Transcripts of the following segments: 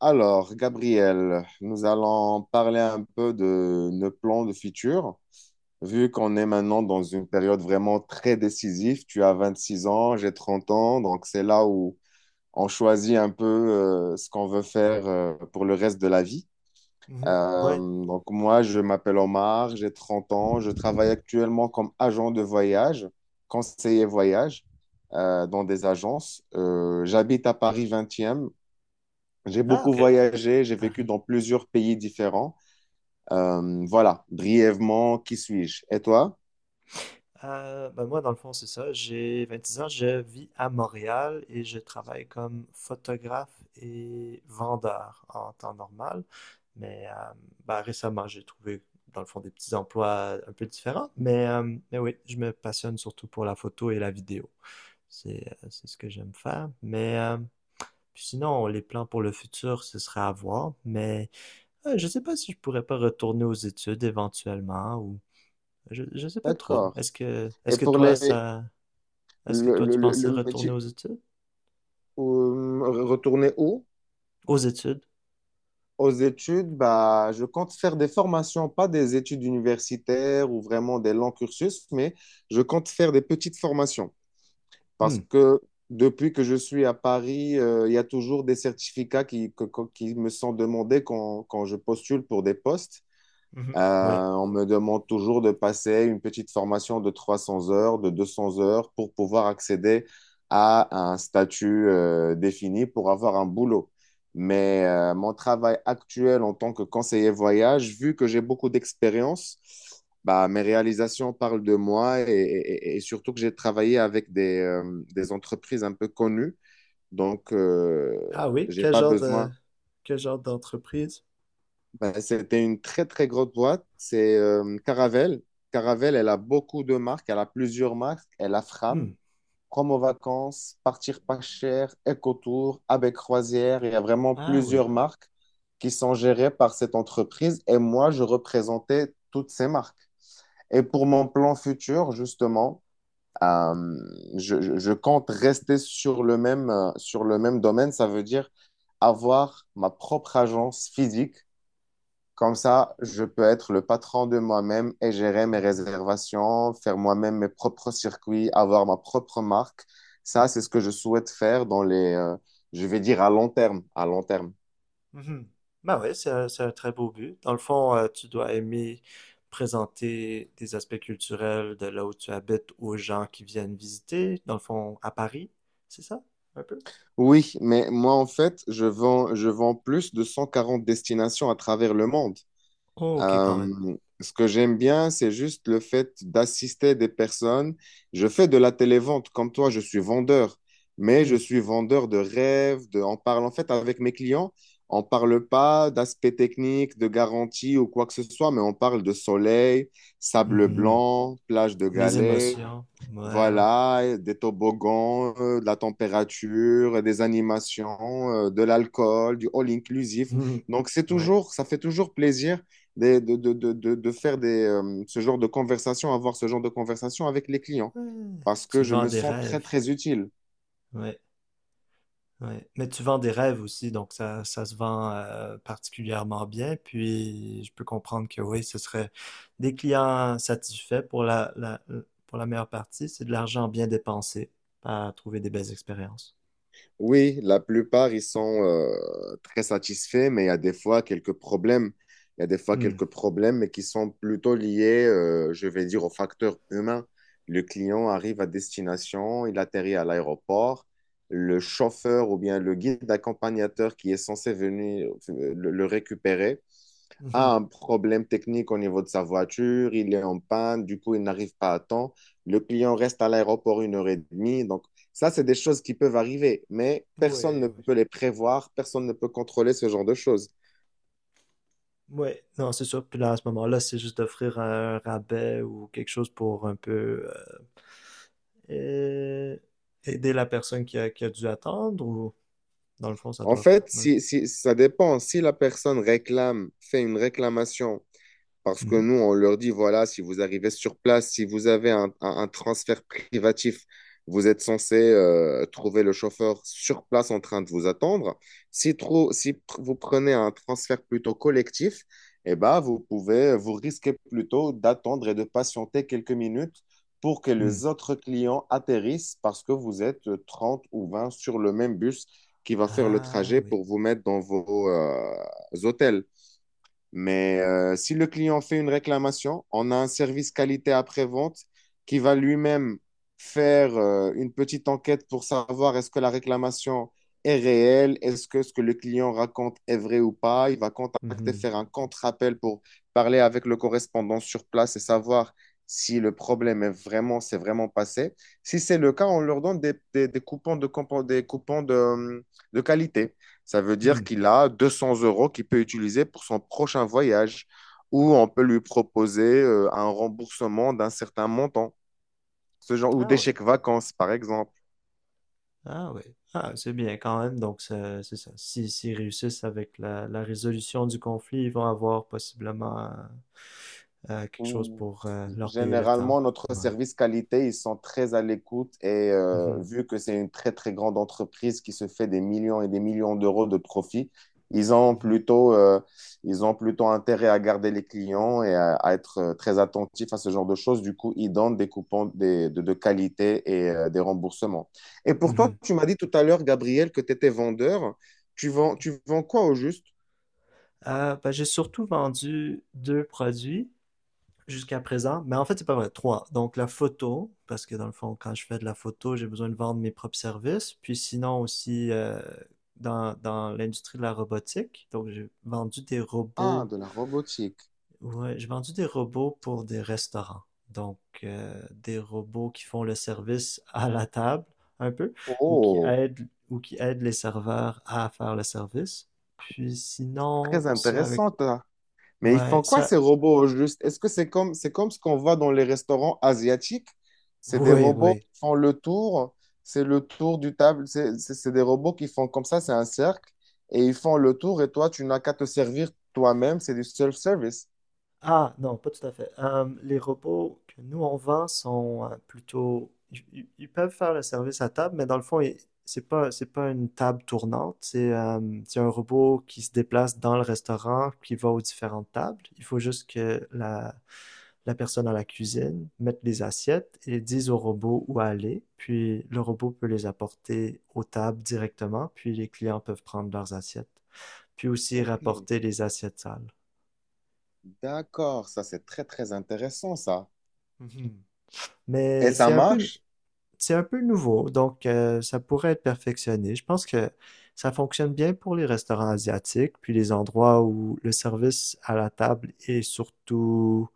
Alors, Gabriel, nous allons parler un peu de nos plans de futur. Vu qu'on est maintenant dans une période vraiment très décisive, tu as 26 ans, j'ai 30 ans, donc c'est là où on choisit un peu ce qu'on veut faire pour le reste de la vie. Mhm. Euh, Ouais. donc moi, je m'appelle Omar, j'ai 30 ans, je travaille actuellement comme agent de voyage, conseiller voyage dans des agences. J'habite à Paris 20e. J'ai Ah, beaucoup ok. voyagé, j'ai vécu Paris. dans plusieurs pays différents. Voilà, brièvement, qui suis-je? Et toi? Ben moi, dans le fond, c'est ça. J'ai 26 ans, je vis à Montréal et je travaille comme photographe et vendeur en temps normal. Mais ben, récemment, j'ai trouvé, dans le fond, des petits emplois un peu différents. Mais oui, je me passionne surtout pour la photo et la vidéo. C'est ce que j'aime faire. Mais puis sinon, les plans pour le futur, ce serait à voir. Mais je sais pas si je pourrais pas retourner aux études éventuellement. Je sais pas trop. D'accord. Est-ce que, Et est-ce que pour toi, les, ça, est-ce que toi, tu pensais le retourner métier, aux études? Retourner où? Aux études? Aux études, bah, je compte faire des formations, pas des études universitaires ou vraiment des longs cursus, mais je compte faire des petites formations Hmm. parce que depuis que je suis à Paris, il y a toujours des certificats qui me sont demandés quand je postule pour des postes. Euh, Mhm. Ouais. on me demande toujours de passer une petite formation de 300 heures, de 200 heures pour pouvoir accéder à un statut défini pour avoir un boulot. Mais mon travail actuel en tant que conseiller voyage, vu que j'ai beaucoup d'expérience, bah, mes réalisations parlent de moi et surtout que j'ai travaillé avec des entreprises un peu connues. Donc, Ah oui, j'ai pas besoin. quel genre d'entreprise? Ben, c'était une très, très grosse boîte. C'est Caravelle. Caravelle, elle a beaucoup de marques. Elle a plusieurs marques. Elle a Fram, Hmm. Promo Vacances, Partir pas cher, EcoTour, Avec Croisière. Il y a vraiment Ah oui. plusieurs marques qui sont gérées par cette entreprise. Et moi, je représentais toutes ces marques. Et pour mon plan futur, justement, euh, je compte rester sur le même domaine. Ça veut dire avoir ma propre agence physique comme ça, je peux être le patron de moi-même et gérer mes Mhm. réservations, faire moi-même mes propres circuits, avoir ma propre marque. Ça, c'est ce que je souhaite faire je vais dire à long terme, à long terme. Mhm. Bah oui, c'est un très beau but. Dans le fond, tu dois aimer présenter des aspects culturels de là où tu habites aux gens qui viennent visiter, dans le fond, à Paris, c'est ça? Un peu? Oui, mais moi, en fait, je vends plus de 140 destinations à travers le monde. Oh, ok, quand même. Euh, ce que j'aime bien, c'est juste le fait d'assister des personnes. Je fais de la télévente comme toi, je suis vendeur, mais Hmm. je suis vendeur de rêves, on parle en fait avec mes clients, on parle pas d'aspect technique, de garantie ou quoi que ce soit, mais on parle de soleil, sable Mhm. blanc, plage de Les galets, émotions. Ouais, ouais. voilà, des toboggans, de la température, des animations, de l'alcool, du all inclusif. Mhm. Donc c'est Ouais. toujours, ça fait toujours plaisir de faire ce genre de conversation, avoir ce genre de conversation avec les clients, Ouais. parce que Tu je vends me des sens très rêves. très utile. Ouais, ouais. Mais tu vends des rêves aussi, donc ça se vend particulièrement bien. Puis je peux comprendre que oui, ce serait des clients satisfaits pour la meilleure partie. C'est de l'argent bien dépensé à trouver des belles expériences. Oui, la plupart, ils sont très satisfaits, mais il y a des fois quelques problèmes. Il y a des fois Hmm. quelques problèmes, mais qui sont plutôt liés, je vais dire, aux facteurs humains. Le client arrive à destination, il atterrit à l'aéroport. Le chauffeur ou bien le guide accompagnateur qui est censé venir le récupérer Mhm. a un problème technique au niveau de sa voiture, il est en panne, du coup, il n'arrive pas à temps. Le client reste à l'aéroport une heure et demie. Donc, ça, c'est des choses qui peuvent arriver, mais personne Ouais, ne ouais. peut les prévoir, personne ne peut contrôler ce genre de choses. Ouais, non, c'est sûr. Puis là, à ce moment-là, c'est juste d'offrir un rabais ou quelque chose pour un peu euh, euh, aider la personne qui a dû attendre ou... Dans le fond, ça En doit. fait, Ouais. Ça dépend. Si la personne réclame, fait une réclamation. Parce que Mhm. nous, on leur dit, voilà, si vous arrivez sur place, si vous avez un transfert privatif, vous êtes censé trouver le chauffeur sur place en train de vous attendre. Si vous prenez un transfert plutôt collectif, eh ben, vous risquez plutôt d'attendre et de patienter quelques minutes pour que Hmm. les autres clients atterrissent parce que vous êtes 30 ou 20 sur le même bus qui va faire le Ah trajet oui. pour vous mettre dans vos hôtels. Mais si le client fait une réclamation, on a un service qualité après-vente qui va lui-même faire une petite enquête pour savoir est-ce que la réclamation est réelle, est-ce que ce que le client raconte est vrai ou pas. Il va contacter, Mhm. faire un contre-appel pour parler avec le correspondant sur place et savoir si le problème s'est vraiment passé. Si c'est le cas, on leur donne des coupons de, compo- des coupons de qualité. Ça veut dire Hmm. qu'il a 200 euros qu'il peut utiliser pour son prochain voyage ou on peut lui proposer un remboursement d'un certain montant, ce genre, ou Ah des oui. chèques vacances, par exemple. Ah oui. Ah, c'est bien quand même. Donc, ça- c'est ça. Si, s'ils réussissent avec la résolution du conflit, ils vont avoir possiblement quelque chose Ou- pour leur payer le temps. Généralement, notre Ouais. service qualité, ils sont très à l'écoute et Mhm. vu que c'est une très très grande entreprise qui se fait des millions et des millions d'euros de profit, ils ont Mhm. plutôt, euh, ils ont plutôt intérêt à garder les clients et à être très attentifs à ce genre de choses. Du coup, ils donnent des coupons de qualité et des remboursements. Et pour toi, Mhm. tu m'as dit tout à l'heure, Gabriel, que tu étais vendeur. Tu vends quoi au juste? Ben, j'ai surtout vendu deux produits jusqu'à présent, mais en fait, c'est pas vrai. Trois. Donc, la photo, parce que dans le fond, quand je fais de la photo, j'ai besoin de vendre mes propres services. Puis sinon aussi, dans l'industrie de la robotique, donc j'ai vendu des Ah, robots. de la robotique. Ouais, j'ai vendu des robots pour des restaurants. Donc, des robots qui font le service à la table, un peu, Oh, ou qui aident les serveurs à faire le service. Puis sinon, très c'est avec... intéressant. Mais ils Ouais, font quoi ça... ces robots au juste? Est-ce que c'est c'est comme ce qu'on voit dans les restaurants asiatiques? C'est des Oui, robots oui. qui font le tour, c'est le tour du table, c'est des robots qui font comme ça, c'est un cercle, et ils font le tour, et toi, tu n'as qu'à te servir toi-même, c'est du self-service. Ah, non, pas tout à fait. Les robots que nous on vend sont plutôt. Ils peuvent faire le service à table, mais dans le fond, c'est pas une table tournante. C'est un robot qui se déplace dans le restaurant, qui va aux différentes tables. Il faut juste que la personne à la cuisine mette les assiettes et dise au robot où aller. Puis le robot peut les apporter aux tables directement, puis les clients peuvent prendre leurs assiettes. Puis aussi Ok, rapporter les assiettes sales. d'accord, ça c'est très très intéressant ça. Mhm. Et Mais ça c'est un peu marche? c'est un peu nouveau, donc ça pourrait être perfectionné. Je pense que ça fonctionne bien pour les restaurants asiatiques, puis les endroits où le service à la table est surtout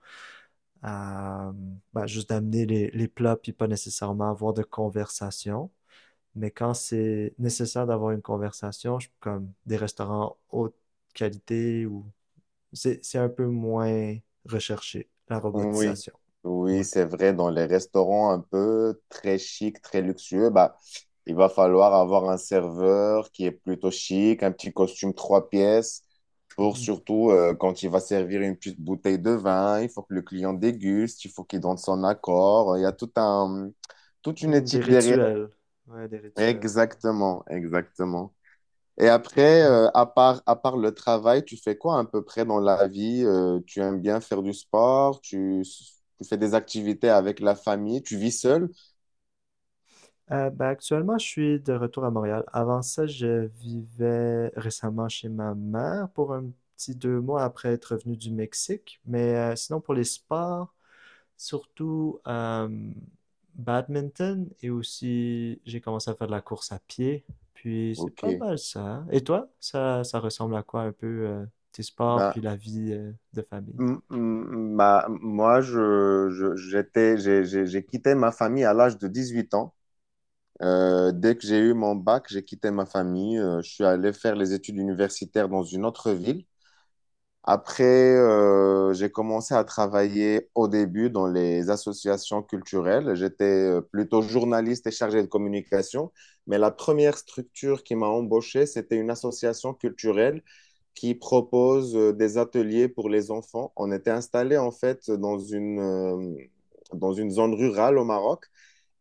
euh, bah, juste d'amener les plats, puis pas nécessairement avoir de conversation. Mais quand c'est nécessaire d'avoir une conversation, je- comme des restaurants haute qualité, ou c'est un peu moins recherché, la Oui, robotisation. oui, Ouais. c'est vrai. Dans les restaurants un peu très chic, très luxueux, bah, il va falloir avoir un serveur qui est plutôt chic, un petit costume trois pièces, pour Mhm. surtout quand il va servir une petite bouteille de vin, il faut que le client déguste, il faut qu'il donne son accord. Il y a tout un, toute une Hmm. Des éthique derrière. rituels. Ouais, des rituels. Exactement, exactement. Et après, Ouais. À part le travail, tu fais quoi à peu près dans la vie? Tu aimes bien faire du sport? Tu fais des activités avec la famille? Tu vis seul? Ben, actuellement, je suis de retour à Montréal. Avant ça, je vivais récemment chez ma mère pour un petit 2 mois après être revenu du Mexique. Mais sinon, pour les sports, surtout badminton et aussi j'ai commencé à faire de la course à pied. Puis c'est Ok. pas mal ça, hein. Et toi, ça ressemble à quoi un peu tes sports Bah, puis la vie de famille? Moi, j'ai quitté ma famille à l'âge de 18 ans. Dès que j'ai eu mon bac, j'ai quitté ma famille. Je suis allé faire les études universitaires dans une autre ville. Après, j'ai commencé à travailler au début dans les associations culturelles. J'étais plutôt journaliste et chargé de communication, mais la première structure qui m'a embauché, c'était une association culturelle qui propose des ateliers pour les enfants. On était installé en fait dans une zone rurale au Maroc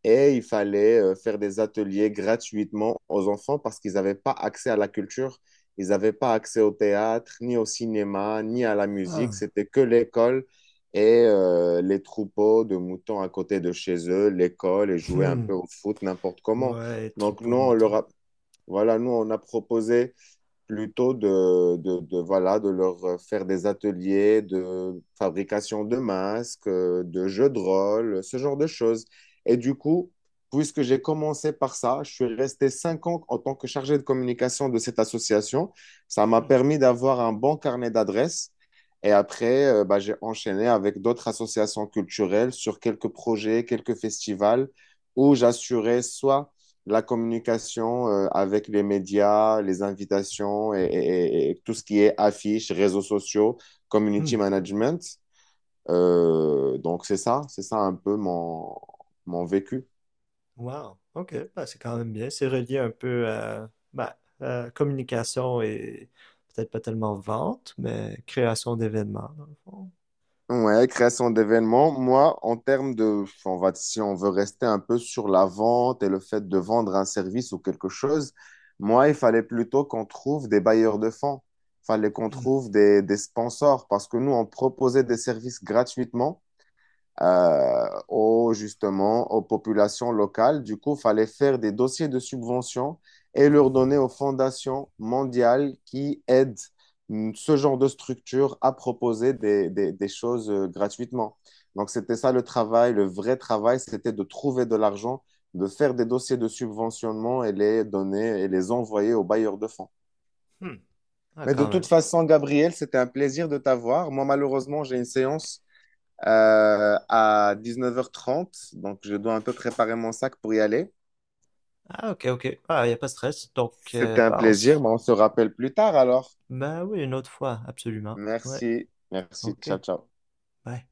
et il fallait faire des ateliers gratuitement aux enfants parce qu'ils n'avaient pas accès à la culture, ils n'avaient pas accès au théâtre, ni au cinéma, ni à la musique. Ah, C'était que l'école et les troupeaux de moutons à côté de chez eux, l'école et jouer un hmm. peu au foot n'importe comment. Ouais, Donc troupeau nous, de moutons. Voilà, nous, on a proposé plutôt voilà, de leur faire des ateliers de fabrication de masques, de jeux de rôle, ce genre de choses. Et du coup, puisque j'ai commencé par ça, je suis resté 5 ans en tant que chargé de communication de cette association. Ça m'a Hmm. permis d'avoir un bon carnet d'adresses. Et après, bah, j'ai enchaîné avec d'autres associations culturelles sur quelques projets, quelques festivals où j'assurais soit la communication avec les médias, les invitations et tout ce qui est affiches, réseaux sociaux, Hmm. community management. Donc c'est ça un peu mon vécu. Wow, ok, bah, c'est quand même bien. C'est relié un peu à bah, communication et peut-être pas tellement vente, mais création d'événements, dans le fond. Ouais, création d'événements. Moi, en termes de, on va, si on veut rester un peu sur la vente et le fait de vendre un service ou quelque chose, moi, il fallait plutôt qu'on trouve des bailleurs de fonds. Il fallait qu'on Hmm. trouve des sponsors parce que nous, on proposait des services gratuitement justement, aux populations locales. Du coup, il fallait faire des dossiers de subvention et leur donner aux fondations mondiales qui aident ce genre de structure à proposer des choses gratuitement. Donc, c'était ça le travail, le vrai travail, c'était de trouver de l'argent, de faire des dossiers de subventionnement et les donner et les envoyer aux bailleurs de fonds. Hmm. Ah, Mais de quand toute même. façon, Gabriel, c'était un plaisir de t'avoir. Moi, malheureusement, j'ai une séance à 9h30. Donc, je dois un peu préparer mon sac pour y aller. Ah, ok, ok. Ah, il n'y a pas de stress. Donc, C'était un bah, plaisir, mais on se rappelle plus tard alors. bah oui, une autre fois, absolument. Ouais, Merci. Merci. ok. Ciao, ciao. Bye.